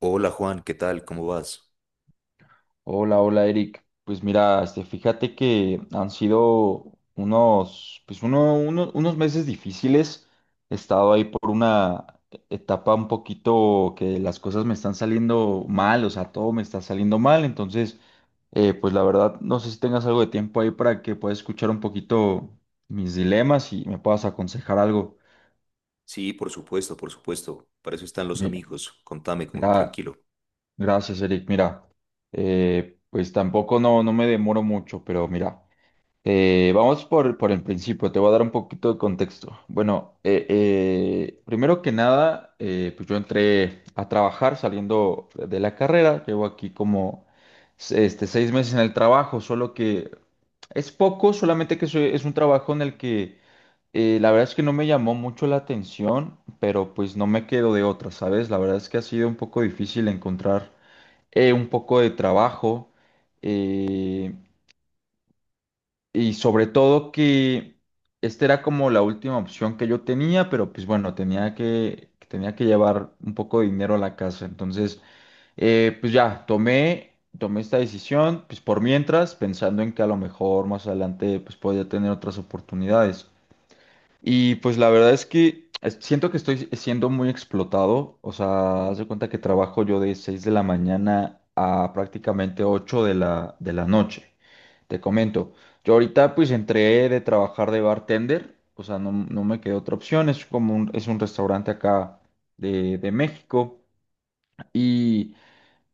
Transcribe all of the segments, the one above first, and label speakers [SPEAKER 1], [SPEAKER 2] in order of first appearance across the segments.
[SPEAKER 1] Hola Juan, ¿qué tal? ¿Cómo vas?
[SPEAKER 2] Hola, hola Eric. Pues mira, este, fíjate que han sido unos, pues unos meses difíciles. He estado ahí por una etapa un poquito que las cosas me están saliendo mal, o sea, todo me está saliendo mal. Entonces, pues la verdad, no sé si tengas algo de tiempo ahí para que puedas escuchar un poquito mis dilemas y me puedas aconsejar algo.
[SPEAKER 1] Sí, por supuesto, por supuesto. Para eso están los
[SPEAKER 2] Mi-
[SPEAKER 1] amigos. Contame,
[SPEAKER 2] gra-
[SPEAKER 1] tranquilo.
[SPEAKER 2] Gracias, Eric. Mira, pues tampoco no me demoro mucho, pero mira. Vamos por el principio, te voy a dar un poquito de contexto. Bueno, primero que nada, pues yo entré a trabajar saliendo de la carrera, llevo aquí como este, 6 meses en el trabajo, solo que es poco, solamente que es un trabajo en el que la verdad es que no me llamó mucho la atención, pero pues no me quedo de otra, ¿sabes? La verdad es que ha sido un poco difícil encontrar un poco de trabajo. eh, y sobre todo que esta era como la última opción que yo tenía, pero pues bueno, tenía que llevar un poco de dinero a la casa. Entonces, pues ya, tomé esta decisión, pues por mientras, pensando en que a lo mejor más adelante pues podía tener otras oportunidades. Y pues la verdad es que siento que estoy siendo muy explotado. O sea, haz de cuenta que trabajo yo de 6 de la mañana a prácticamente 8 de la noche. Te comento. Yo ahorita pues entré de trabajar de bartender. O sea, no me quedó otra opción. Es es un restaurante acá de México.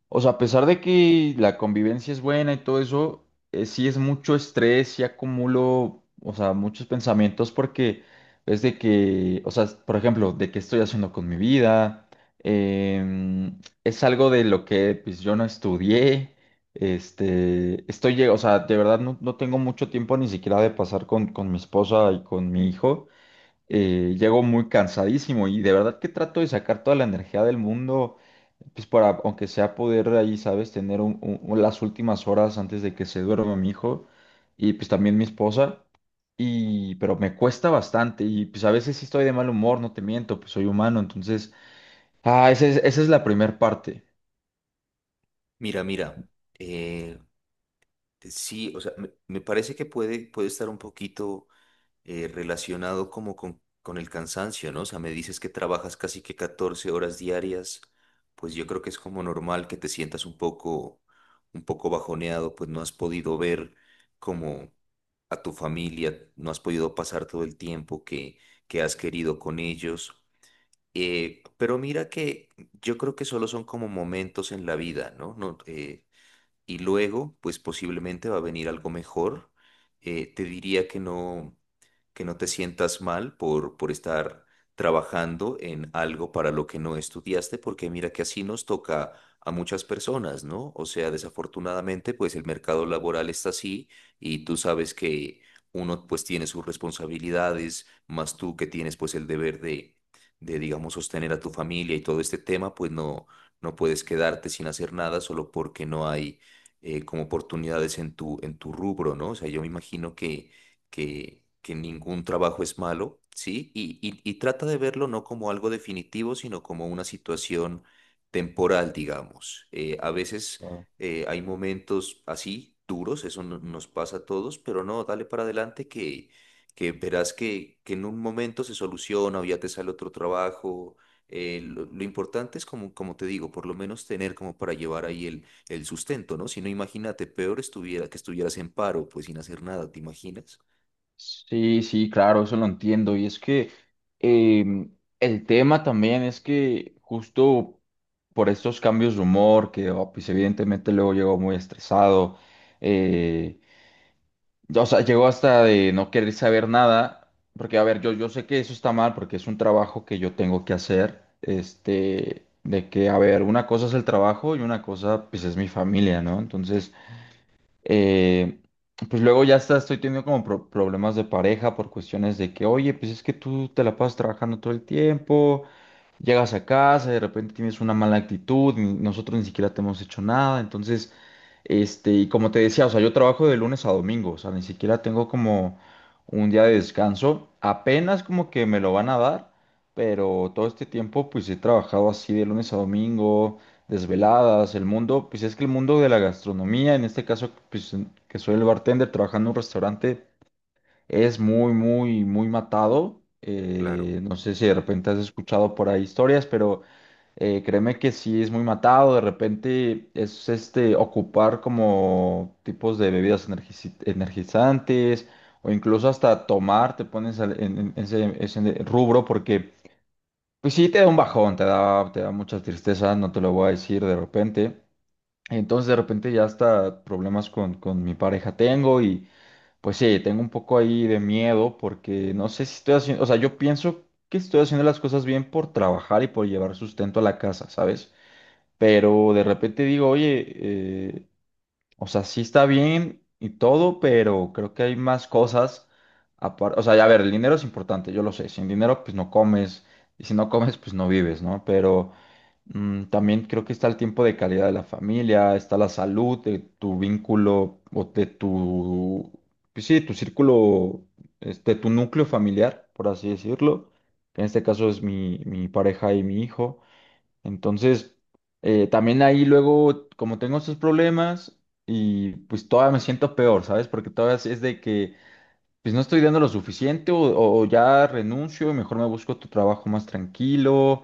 [SPEAKER 2] O sea, a pesar de que la convivencia es buena y todo eso, sí es mucho estrés, sí acumulo, o sea, muchos pensamientos porque es de que, o sea, por ejemplo, de qué estoy haciendo con mi vida, es algo de lo que pues yo no estudié, este, o sea, de verdad no tengo mucho tiempo ni siquiera de pasar con mi esposa y con mi hijo, llego muy cansadísimo y de verdad que trato de sacar toda la energía del mundo pues para, aunque sea poder ahí, ¿sabes? Tener las últimas horas antes de que se duerma mi hijo y pues también mi esposa. Pero me cuesta bastante y pues a veces sí estoy de mal humor, no te miento, pues soy humano, entonces, esa es la primera parte.
[SPEAKER 1] Mira, mira. eh, sí, o sea, me parece que puede estar un poquito relacionado como con el cansancio, ¿no? O sea, me dices que trabajas casi que 14 horas diarias, pues yo creo que es como normal que te sientas un poco bajoneado, pues no has podido ver como a tu familia, no has podido pasar todo el tiempo que has querido con ellos. Pero mira que yo creo que solo son como momentos en la vida, ¿no? No, y luego, pues posiblemente va a venir algo mejor. Te diría que no te sientas mal por estar trabajando en algo para lo que no estudiaste, porque mira que así nos toca a muchas personas, ¿no? O sea, desafortunadamente, pues el mercado laboral está así y tú sabes que uno pues tiene sus responsabilidades, más tú que tienes pues el deber de digamos, sostener a tu familia y todo este tema, pues no, no puedes quedarte sin hacer nada solo porque no hay como oportunidades en tu rubro, ¿no? O sea, yo me imagino que ningún trabajo es malo, ¿sí? Y trata de verlo no como algo definitivo, sino como una situación temporal, digamos. A veces
[SPEAKER 2] Claro.
[SPEAKER 1] hay momentos así, duros, eso nos pasa a todos, pero no, dale para adelante que verás que en un momento se soluciona o ya te sale otro trabajo. Lo importante es como, como te digo, por lo menos tener como para llevar ahí el sustento, ¿no? Si no, imagínate, peor estuviera que estuvieras en paro, pues sin hacer nada, ¿te imaginas?
[SPEAKER 2] Sí, sí, claro, eso lo entiendo. Y es que em, el tema también es que justo por estos cambios de humor, que pues evidentemente luego llego muy estresado. eh, O sea, llegó hasta de no querer saber nada, porque a ver, yo sé que eso está mal, porque es un trabajo que yo tengo que hacer, este, de que, a ver, una cosa es el trabajo y una cosa, pues, es mi familia, ¿no? Entonces, eh, pues luego ya está, estoy teniendo como problemas de pareja por cuestiones de que, oye, pues es que tú te la pasas trabajando todo el tiempo. Llegas a casa, de repente tienes una mala actitud, nosotros ni siquiera te hemos hecho nada, entonces, este, y como te decía, o sea, yo trabajo de lunes a domingo, o sea, ni siquiera tengo como un día de descanso, apenas como que me lo van a dar, pero todo este tiempo pues he trabajado así de lunes a domingo, desveladas, el mundo, pues es que el mundo de la gastronomía, en este caso, pues que soy el bartender trabajando en un restaurante. Es muy, muy, muy matado.
[SPEAKER 1] Claro.
[SPEAKER 2] No sé si de repente has escuchado por ahí historias, pero créeme que sí es muy matado. De repente es este ocupar como tipos de bebidas energizantes o incluso hasta tomar, te pones en ese rubro porque pues sí te da un bajón, te da mucha tristeza, no te lo voy a decir de repente. Entonces de repente ya hasta problemas con mi pareja tengo. Pues sí, tengo un poco ahí de miedo porque no sé si estoy haciendo, o sea, yo pienso que estoy haciendo las cosas bien por trabajar y por llevar sustento a la casa, ¿sabes? Pero de repente digo, oye, eh, o sea, sí está bien y todo, pero creo que hay más cosas. O sea, ya, a ver, el dinero es importante, yo lo sé, sin dinero pues no comes y si no comes pues no vives, ¿no? Pero. También creo que está el tiempo de calidad de la familia, está la salud de tu vínculo o de tu, pues sí, tu círculo, este, tu núcleo familiar, por así decirlo, que en este caso es mi pareja y mi hijo. Entonces, también ahí luego, como tengo estos problemas y pues todavía me siento peor, ¿sabes? Porque todavía es de que pues no estoy dando lo suficiente, o ya renuncio y mejor me busco otro trabajo más tranquilo,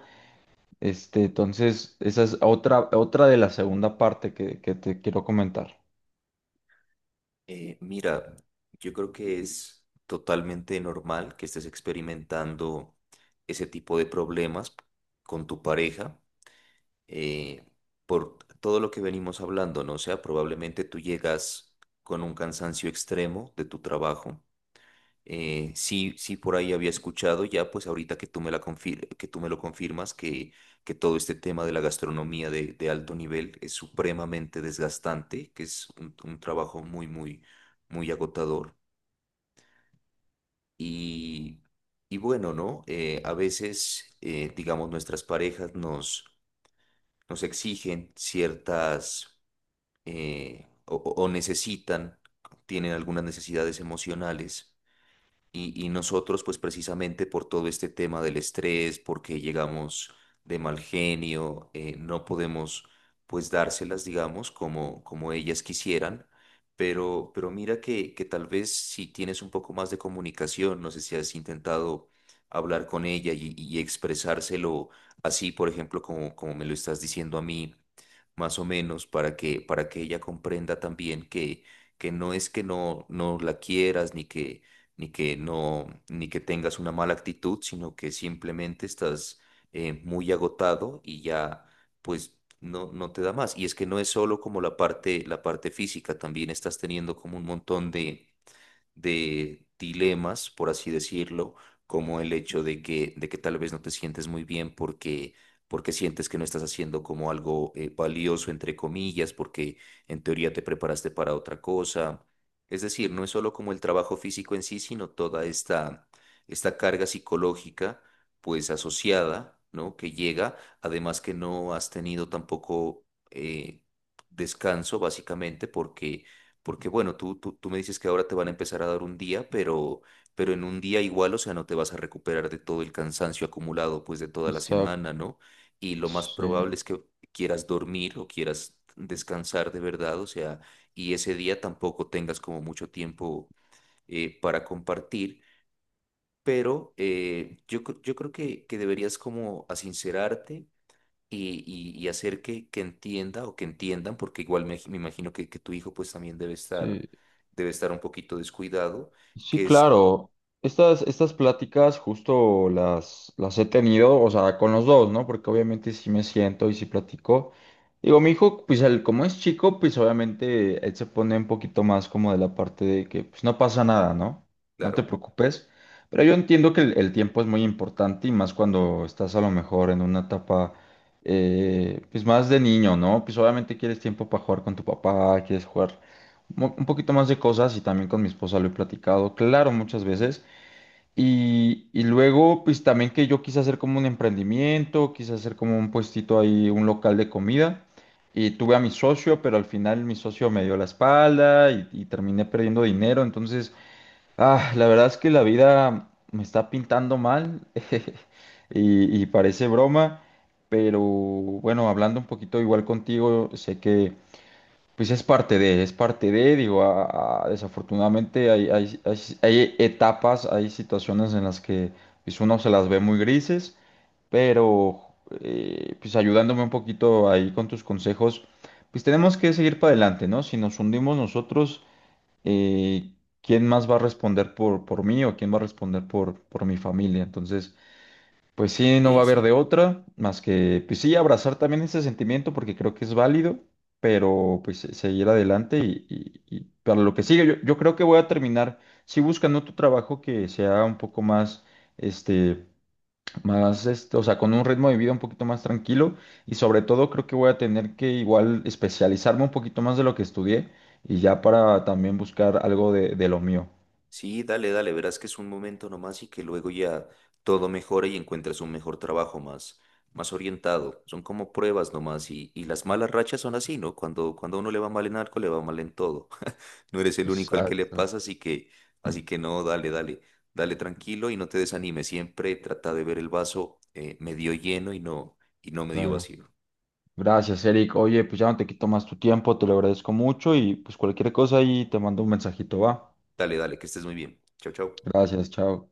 [SPEAKER 2] este, entonces, esa es otra de la segunda parte que te quiero comentar.
[SPEAKER 1] Mira, yo creo que es totalmente normal que estés experimentando ese tipo de problemas con tu pareja, eh, por todo lo que venimos hablando, ¿no? O sea, probablemente tú llegas con un cansancio extremo de tu trabajo. Sí, sí, por ahí había escuchado ya, pues ahorita que tú me la que tú me lo confirmas, que todo este tema de la gastronomía de alto nivel es supremamente desgastante, que es un trabajo muy, muy, muy agotador. Y, y bueno, ¿no? A veces, digamos, nuestras parejas nos exigen o necesitan, tienen algunas necesidades emocionales. Y nosotros, pues precisamente por todo este tema del estrés, porque llegamos de mal genio, no podemos pues dárselas, digamos, como, como ellas quisieran. Pero mira que tal vez si tienes un poco más de comunicación, no sé si has intentado hablar con ella y expresárselo así, por ejemplo, como, como me lo estás diciendo a mí, más o menos, para para que ella comprenda también que no es que no, no la quieras ni que ni que no, ni que tengas una mala actitud, sino que simplemente estás muy agotado y ya, pues, no, no te da más. Y es que no es solo como la parte física, también estás teniendo como un montón de dilemas, por así decirlo, como el hecho de de que tal vez no te sientes muy bien porque, porque sientes que no estás haciendo como algo valioso, entre comillas, porque en teoría te preparaste para otra cosa. Es decir, no es solo como el trabajo físico en sí, sino toda esta, esta carga psicológica, pues asociada, ¿no? Que llega, además que no has tenido tampoco eh, descanso básicamente porque porque bueno, tú me dices que ahora te van a empezar a dar un día, pero en un día igual, o sea, no te vas a recuperar de todo el cansancio acumulado pues de toda la
[SPEAKER 2] Exacto.
[SPEAKER 1] semana, ¿no? Y lo más
[SPEAKER 2] Sí,
[SPEAKER 1] probable es que quieras dormir o quieras descansar de verdad, o sea, y ese día tampoco tengas como mucho tiempo para compartir, pero yo creo que deberías como asincerarte y hacer que entienda o que entiendan, porque igual me imagino que tu hijo pues también
[SPEAKER 2] sí.
[SPEAKER 1] debe estar un poquito descuidado,
[SPEAKER 2] Sí,
[SPEAKER 1] que es,
[SPEAKER 2] claro. Estas pláticas justo las he tenido, o sea, con los dos, ¿no? Porque obviamente sí me siento y sí platico. Digo, mi hijo, pues él, como es chico, pues obviamente él se pone un poquito más como de la parte de que pues no pasa nada, ¿no? No te
[SPEAKER 1] claro,
[SPEAKER 2] preocupes. Pero yo entiendo que el tiempo es muy importante y más cuando estás a lo mejor en una etapa, pues más de niño, ¿no? Pues obviamente quieres tiempo para jugar con tu papá, quieres jugar un poquito más de cosas, y también con mi esposa lo he platicado, claro, muchas veces. Y luego, pues también que yo quise hacer como un emprendimiento, quise hacer como un puestito ahí, un local de comida. Y tuve a mi socio, pero al final mi socio me dio la espalda y terminé perdiendo dinero. Entonces, la verdad es que la vida me está pintando mal y parece broma. Pero bueno, hablando un poquito igual contigo, sé que pues es parte de, digo, desafortunadamente hay etapas, hay situaciones en las que pues uno se las ve muy grises, pero pues ayudándome un poquito ahí con tus consejos, pues tenemos que seguir para adelante, ¿no? Si nos hundimos nosotros, eh, ¿quién más va a responder por mí, o quién va a responder por mi familia? Entonces, pues sí, no va
[SPEAKER 1] sí,
[SPEAKER 2] a haber de
[SPEAKER 1] sí.
[SPEAKER 2] otra, más que, pues sí, abrazar también ese sentimiento porque creo que es válido, pero pues seguir adelante. Y para lo que sigue, yo creo que voy a terminar sí buscando otro trabajo que sea un poco este, más, este, o sea, con un ritmo de vida un poquito más tranquilo, y sobre todo creo que voy a tener que igual especializarme un poquito más de lo que estudié y ya para también buscar algo de lo mío.
[SPEAKER 1] Sí, dale, dale, verás que es un momento nomás y que luego ya todo mejora y encuentras un mejor trabajo más, más orientado. Son como pruebas nomás y las malas rachas son así, ¿no? Cuando a uno le va mal en algo, le va mal en todo. No eres el único al que le
[SPEAKER 2] Exacto.
[SPEAKER 1] pasa,
[SPEAKER 2] Mm.
[SPEAKER 1] así que no, dale, dale, dale tranquilo y no te desanimes. Siempre trata de ver el vaso medio lleno y no medio
[SPEAKER 2] Claro.
[SPEAKER 1] vacío.
[SPEAKER 2] Gracias, Eric. Oye, pues ya no te quito más tu tiempo, te lo agradezco mucho y pues cualquier cosa ahí te mando un mensajito, va.
[SPEAKER 1] Dale, dale, que estés muy bien. Chao, chao.
[SPEAKER 2] Gracias, chao.